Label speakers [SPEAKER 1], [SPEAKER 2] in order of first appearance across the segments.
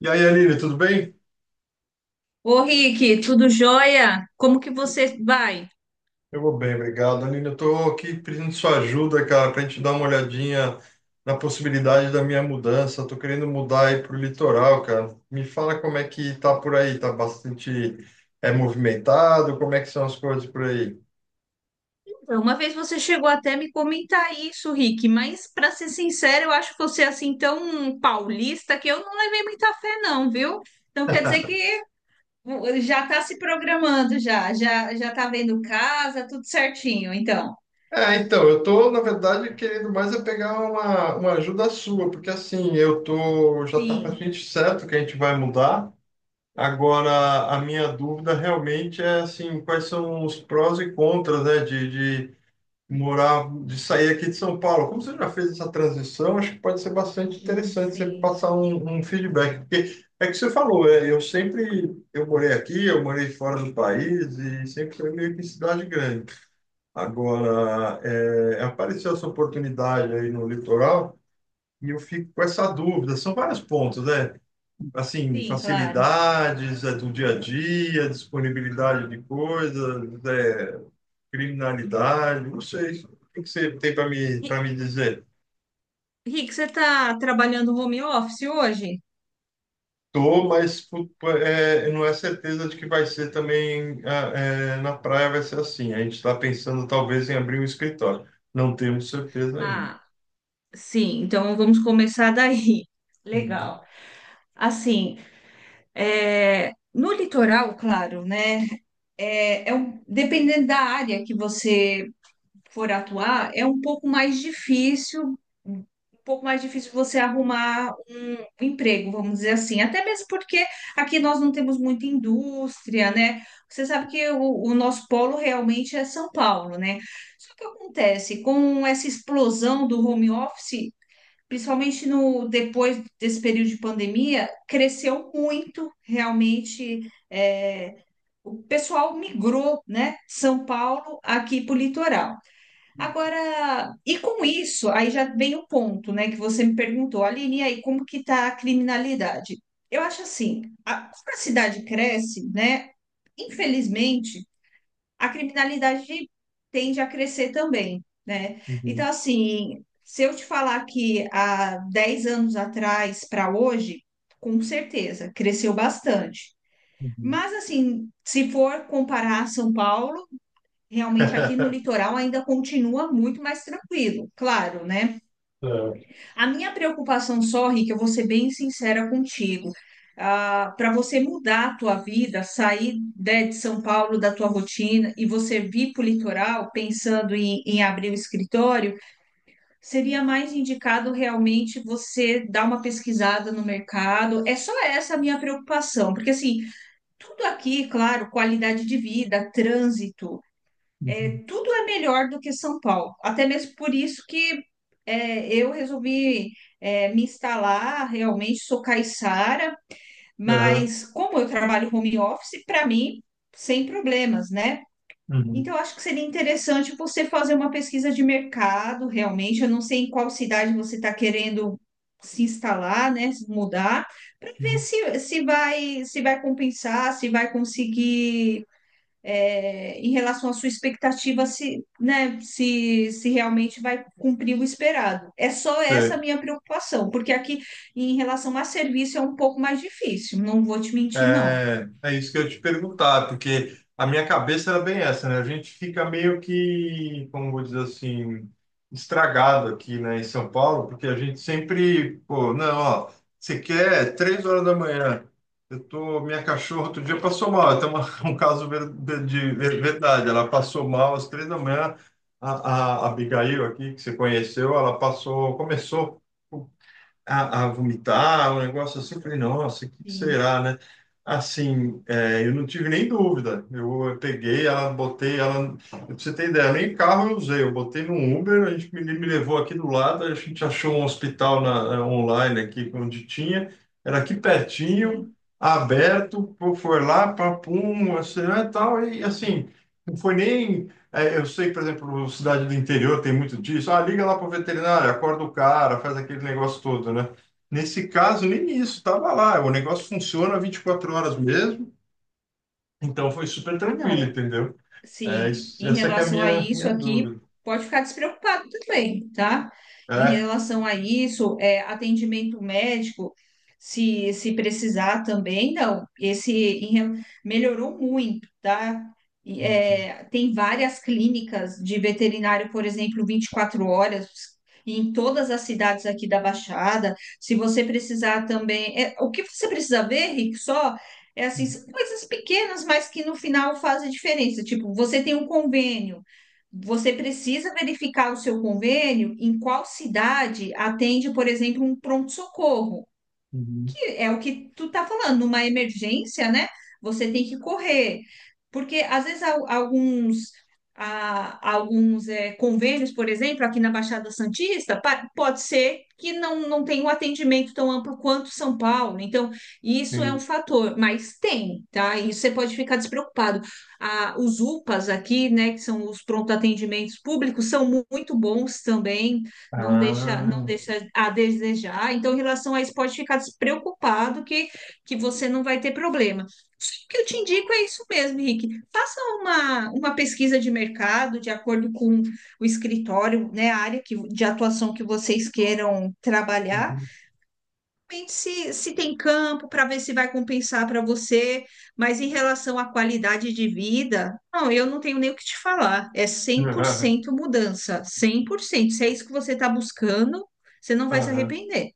[SPEAKER 1] E aí, Aline, tudo bem?
[SPEAKER 2] Ô, Rick, tudo jóia? Como que você vai?
[SPEAKER 1] Eu vou bem, obrigado. Aline, eu tô aqui pedindo sua ajuda, cara, para a gente dar uma olhadinha na possibilidade da minha mudança. Eu tô querendo mudar aí pro litoral, cara. Me fala como é que tá por aí, tá bastante movimentado, como é que são as coisas por aí?
[SPEAKER 2] Então, uma vez você chegou até me comentar isso, Rick, mas para ser sincero, eu acho você assim tão paulista que eu não levei muita fé não, viu? Então quer dizer que já tá se programando, já tá vendo casa, tudo certinho, então.
[SPEAKER 1] É, então, eu tô, na verdade, querendo mais é pegar uma ajuda sua, porque assim, já tá
[SPEAKER 2] Sim.
[SPEAKER 1] praticamente certo que a gente vai mudar. Agora, a minha dúvida realmente é assim, quais são os prós e contras, né, de morar, de sair aqui de São Paulo. Como você já fez essa transição, acho que pode ser bastante interessante você
[SPEAKER 2] Sim.
[SPEAKER 1] passar um feedback, porque é que você falou, eu morei aqui, eu morei fora do país e sempre foi meio que em cidade grande. Agora, apareceu essa oportunidade aí no litoral e eu fico com essa dúvida. São vários pontos, né? Assim,
[SPEAKER 2] Sim, claro.
[SPEAKER 1] facilidades, do dia a dia, disponibilidade de coisas, criminalidade, não sei. O que você tem para me,
[SPEAKER 2] Ri-
[SPEAKER 1] para me dizer?
[SPEAKER 2] Rick, você tá trabalhando home office hoje?
[SPEAKER 1] Tô, mas não é certeza de que vai ser também na praia, vai ser assim. A gente está pensando talvez em abrir um escritório. Não temos certeza ainda.
[SPEAKER 2] Ah, sim, então vamos começar daí.
[SPEAKER 1] Uhum,
[SPEAKER 2] Legal. Assim, é, no litoral, claro, né? É, dependendo da área que você for atuar, é um pouco mais difícil, um pouco mais difícil você arrumar um emprego, vamos dizer assim. Até mesmo porque aqui nós não temos muita indústria, né? Você sabe que o nosso polo realmente é São Paulo, né? Só que acontece, com essa explosão do home office, principalmente no depois desse período de pandemia, cresceu muito realmente. É, o pessoal migrou, né, São Paulo aqui para o litoral. Agora, e com isso, aí já vem o ponto, né, que você me perguntou, Aline, e aí como que está a criminalidade? Eu acho assim, a, como a cidade cresce, né? Infelizmente, a criminalidade tende a crescer também, né? Então,
[SPEAKER 1] uhum,
[SPEAKER 2] assim, se eu te falar que há 10 anos atrás para hoje, com certeza, cresceu bastante.
[SPEAKER 1] uhum.
[SPEAKER 2] Mas, assim, se for comparar São Paulo, realmente aqui no litoral ainda continua muito mais tranquilo, claro, né?
[SPEAKER 1] É,
[SPEAKER 2] A minha preocupação só, Rick, eu vou ser bem sincera contigo. Para você mudar a tua vida, sair né, de São Paulo, da tua rotina, e você vir para o litoral, pensando em abrir o escritório, seria mais indicado realmente você dar uma pesquisada no mercado. É só essa a minha preocupação, porque assim, tudo aqui, claro, qualidade de vida, trânsito,
[SPEAKER 1] uhum,
[SPEAKER 2] tudo é melhor do que São Paulo. Até mesmo por isso que eu resolvi me instalar, realmente sou caiçara,
[SPEAKER 1] aham,
[SPEAKER 2] mas como eu trabalho home office, para mim, sem problemas, né?
[SPEAKER 1] uhum,
[SPEAKER 2] Então, eu acho que seria interessante você fazer uma pesquisa de mercado, realmente. Eu não sei em qual cidade você está querendo se instalar, né? Se mudar, para ver
[SPEAKER 1] uhum.
[SPEAKER 2] se vai, se vai compensar, se vai conseguir, é, em relação à sua expectativa, se, né, se realmente vai cumprir o esperado. É só essa a
[SPEAKER 1] Sei.
[SPEAKER 2] minha preocupação, porque aqui, em relação a serviço, é um pouco mais difícil, não vou te mentir, não.
[SPEAKER 1] É, isso que eu ia te perguntar, porque a minha cabeça era bem essa, né? A gente fica meio que, como vou dizer assim, estragado aqui, né, em São Paulo, porque a gente sempre, pô, não, ó, você quer 3 horas da manhã, eu tô, minha cachorra outro dia passou mal, um caso de verdade, ela passou mal às 3 da manhã, a, a Abigail aqui, que você conheceu, ela passou, começou a vomitar, um negócio assim. Eu falei, nossa, o que que
[SPEAKER 2] Sim,
[SPEAKER 1] será, né? Assim, eu não tive nem dúvida. Eu peguei ela, botei ela. Pra você ter ideia, nem carro eu usei. Eu botei num Uber, a gente me, levou aqui do lado, a gente achou um hospital online aqui, onde tinha. Era aqui pertinho,
[SPEAKER 2] sim.
[SPEAKER 1] aberto, pô, foi lá, papum, assim, né, tal. E assim, não foi nem eu sei, por exemplo, cidade do interior tem muito disso. Ah, liga lá para o veterinário, acorda o cara, faz aquele negócio todo, né? Nesse caso, nem isso, tava lá. O negócio funciona 24 horas mesmo, então foi super
[SPEAKER 2] Ah,
[SPEAKER 1] tranquilo,
[SPEAKER 2] não.
[SPEAKER 1] entendeu? É,
[SPEAKER 2] Sim, em
[SPEAKER 1] essa que é a
[SPEAKER 2] relação a
[SPEAKER 1] minha,
[SPEAKER 2] isso
[SPEAKER 1] minha
[SPEAKER 2] aqui,
[SPEAKER 1] dúvida.
[SPEAKER 2] pode ficar despreocupado também, tá? Em
[SPEAKER 1] É.
[SPEAKER 2] relação a isso, é, atendimento médico, se precisar também, não. Esse melhorou muito, tá? E,
[SPEAKER 1] Uhum,
[SPEAKER 2] é, tem várias clínicas de veterinário, por exemplo, 24 horas, em todas as cidades aqui da Baixada. Se você precisar também. É, o que você precisa ver, Rick, só? É assim, são coisas pequenas, mas que no final fazem diferença. Tipo, você tem um convênio, você precisa verificar o seu convênio em qual cidade atende, por exemplo, um pronto-socorro
[SPEAKER 1] uhum.
[SPEAKER 2] que é o que tu tá falando, numa emergência, né? Você tem que correr, porque às vezes alguns alguns convênios, por exemplo, aqui na Baixada Santista, pode ser que não, não tenha um atendimento tão amplo quanto São Paulo. Então, isso é um
[SPEAKER 1] Sim.
[SPEAKER 2] fator, mas tem, tá? E você pode ficar despreocupado. Ah, os UPAs aqui, né, que são os pronto atendimentos públicos, são muito bons também, não deixa, não
[SPEAKER 1] Ah.
[SPEAKER 2] deixa a desejar. Então, em relação a isso, pode ficar despreocupado que você não vai ter problema. O que eu te indico é isso mesmo, Henrique. Faça uma pesquisa de mercado de acordo com o escritório, né, a área que, de atuação que vocês queiram trabalhar.
[SPEAKER 1] Uhum.
[SPEAKER 2] Depende se, se tem campo para ver se vai compensar para você, mas em relação à qualidade de vida, não, eu não tenho nem o que te falar. É cem por
[SPEAKER 1] Aham,
[SPEAKER 2] cento mudança, 100%. Se é isso que você está buscando, você não vai se
[SPEAKER 1] aham.
[SPEAKER 2] arrepender.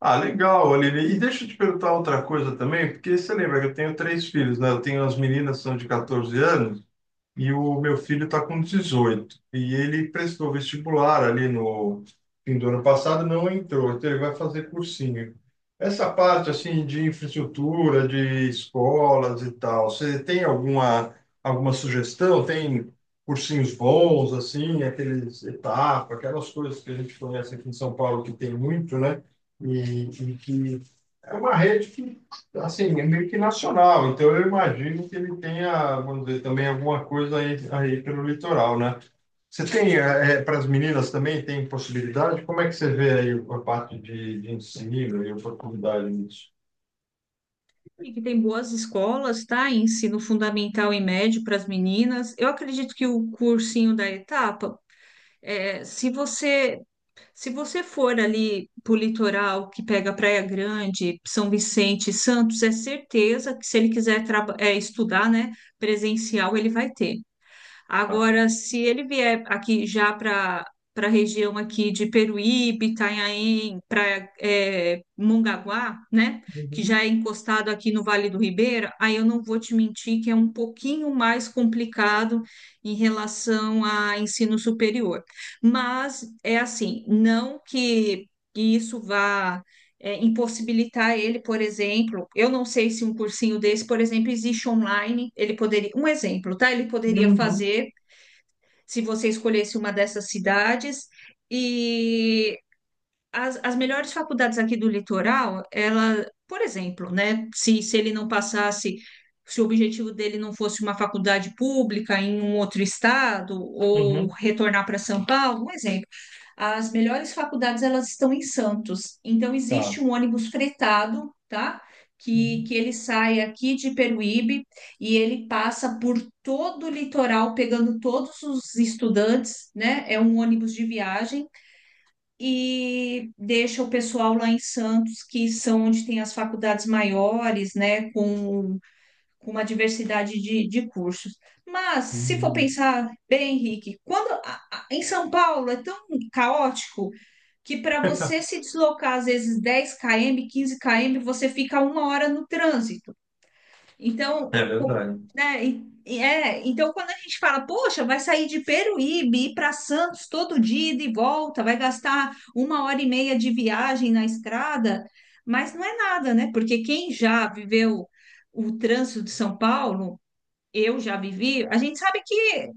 [SPEAKER 1] Ah, legal, Olivia. E deixa eu te perguntar outra coisa também, porque você lembra que eu tenho três filhos, né? Eu tenho as meninas que são de 14 anos. E o meu filho está com 18. E ele prestou vestibular ali no fim do ano passado, não entrou. Então ele vai fazer cursinho. Essa parte assim de infraestrutura, de escolas e tal, você tem alguma sugestão? Tem cursinhos bons assim, aqueles etapa, aquelas coisas que a gente conhece aqui em São Paulo que tem muito, né? Que é uma rede que Assim, é meio que nacional, então eu imagino que ele tenha, vamos dizer, também alguma coisa aí pelo litoral, né? Você tem, para as meninas também, tem possibilidade? Como é que você vê aí a parte de ensino e oportunidade nisso?
[SPEAKER 2] E que tem boas escolas, tá? Ensino fundamental e médio para as meninas. Eu acredito que o cursinho da etapa, é, se você se você for ali pro litoral que pega Praia Grande, São Vicente, e Santos, é certeza que se ele quiser é, estudar, né, presencial, ele vai ter.
[SPEAKER 1] Tá.
[SPEAKER 2] Agora, se ele vier aqui já para para a região aqui de Peruíbe, Itanhaém, para Mongaguá, né, que
[SPEAKER 1] Uhum,
[SPEAKER 2] já é encostado aqui no Vale do Ribeira, aí eu não vou te mentir que é um pouquinho mais complicado em relação a ensino superior. Mas é assim, não que isso vá, é, impossibilitar ele, por exemplo, eu não sei se um cursinho desse, por exemplo, existe online, ele poderia, um exemplo, tá? Ele poderia
[SPEAKER 1] uhum,
[SPEAKER 2] fazer se você escolhesse uma dessas cidades. E as melhores faculdades aqui do litoral, ela, por exemplo, né, se ele não passasse, se o objetivo dele não fosse uma faculdade pública em um outro estado ou
[SPEAKER 1] uhum,
[SPEAKER 2] retornar para São Paulo, um exemplo, as melhores faculdades elas estão em Santos. Então
[SPEAKER 1] tá.
[SPEAKER 2] existe um ônibus fretado, tá?
[SPEAKER 1] Uhum.
[SPEAKER 2] Que ele sai aqui de Peruíbe e ele passa por todo o litoral, pegando todos os estudantes, né? É um ônibus de viagem e deixa o pessoal lá em Santos, que são onde tem as faculdades maiores, né, com uma diversidade de cursos. Mas, se for
[SPEAKER 1] Uhum.
[SPEAKER 2] pensar bem, Henrique, em São Paulo é tão caótico que para você se deslocar, às vezes, 10 km, 15 km, você fica uma hora no trânsito. Então,
[SPEAKER 1] É verdade.
[SPEAKER 2] né, e é, então quando a gente fala, poxa, vai sair de Peruíbe, ir para Santos todo dia ida e de volta, vai gastar uma hora e meia de viagem na estrada, mas não é nada, né? Porque quem já viveu o trânsito de São Paulo eu já vivi, a gente sabe que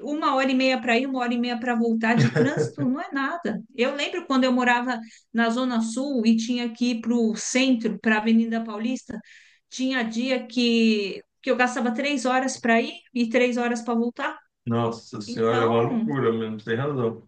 [SPEAKER 2] uma hora e meia para ir, uma hora e meia para voltar de trânsito não é nada. Eu lembro quando eu morava na Zona Sul e tinha que ir para o centro, para a Avenida Paulista, tinha dia que eu gastava três horas para ir e três horas para voltar.
[SPEAKER 1] Nossa senhora, é uma
[SPEAKER 2] Então,
[SPEAKER 1] loucura mesmo, tem razão.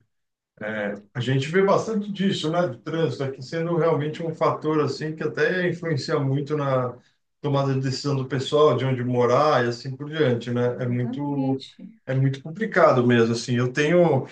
[SPEAKER 1] É, a gente vê bastante disso, né, do trânsito aqui sendo realmente um fator assim que até influencia muito na tomada de decisão do pessoal, de onde morar e assim por diante, né? É muito
[SPEAKER 2] exatamente,
[SPEAKER 1] é muito complicado mesmo assim. Eu tenho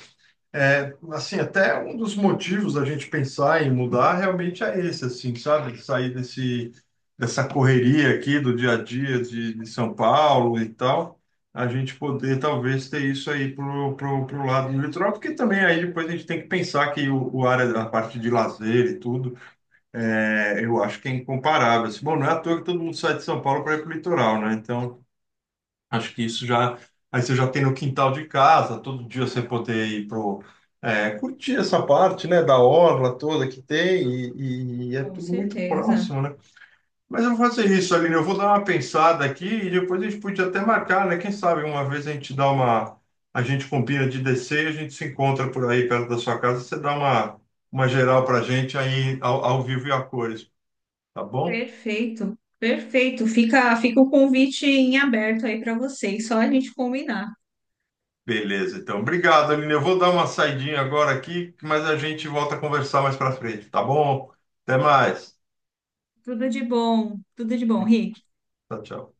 [SPEAKER 1] é, Assim, até um dos motivos da gente pensar em mudar realmente é esse, assim, sabe? De sair desse, dessa correria aqui do dia a dia de São Paulo e tal, a gente poder talvez ter isso aí pro lado do litoral, porque também aí depois a gente tem que pensar que o área, a parte de lazer e tudo, eu acho que é incomparável. Assim, bom, não é à toa que todo mundo sai de São Paulo para ir pro litoral, né? Então, acho que isso já. Aí você já tem no quintal de casa, todo dia você poder ir curtir essa parte, né, da orla toda que tem, e é
[SPEAKER 2] com
[SPEAKER 1] tudo muito
[SPEAKER 2] certeza.
[SPEAKER 1] próximo, né? Mas eu vou fazer isso, Aline, eu vou dar uma pensada aqui e depois a gente podia até marcar, né? Quem sabe uma vez a gente dá uma. A gente combina de descer, a gente se encontra por aí perto da sua casa, você dá uma geral pra gente aí ao vivo e a cores, tá bom?
[SPEAKER 2] Perfeito, perfeito. Fica, fica o convite em aberto aí para vocês, só a gente combinar.
[SPEAKER 1] Beleza, então. Obrigado, Aline. Eu vou dar uma saidinha agora aqui, mas a gente volta a conversar mais para frente, tá bom? Até mais.
[SPEAKER 2] Tudo de bom, Rick.
[SPEAKER 1] Tchau, tchau.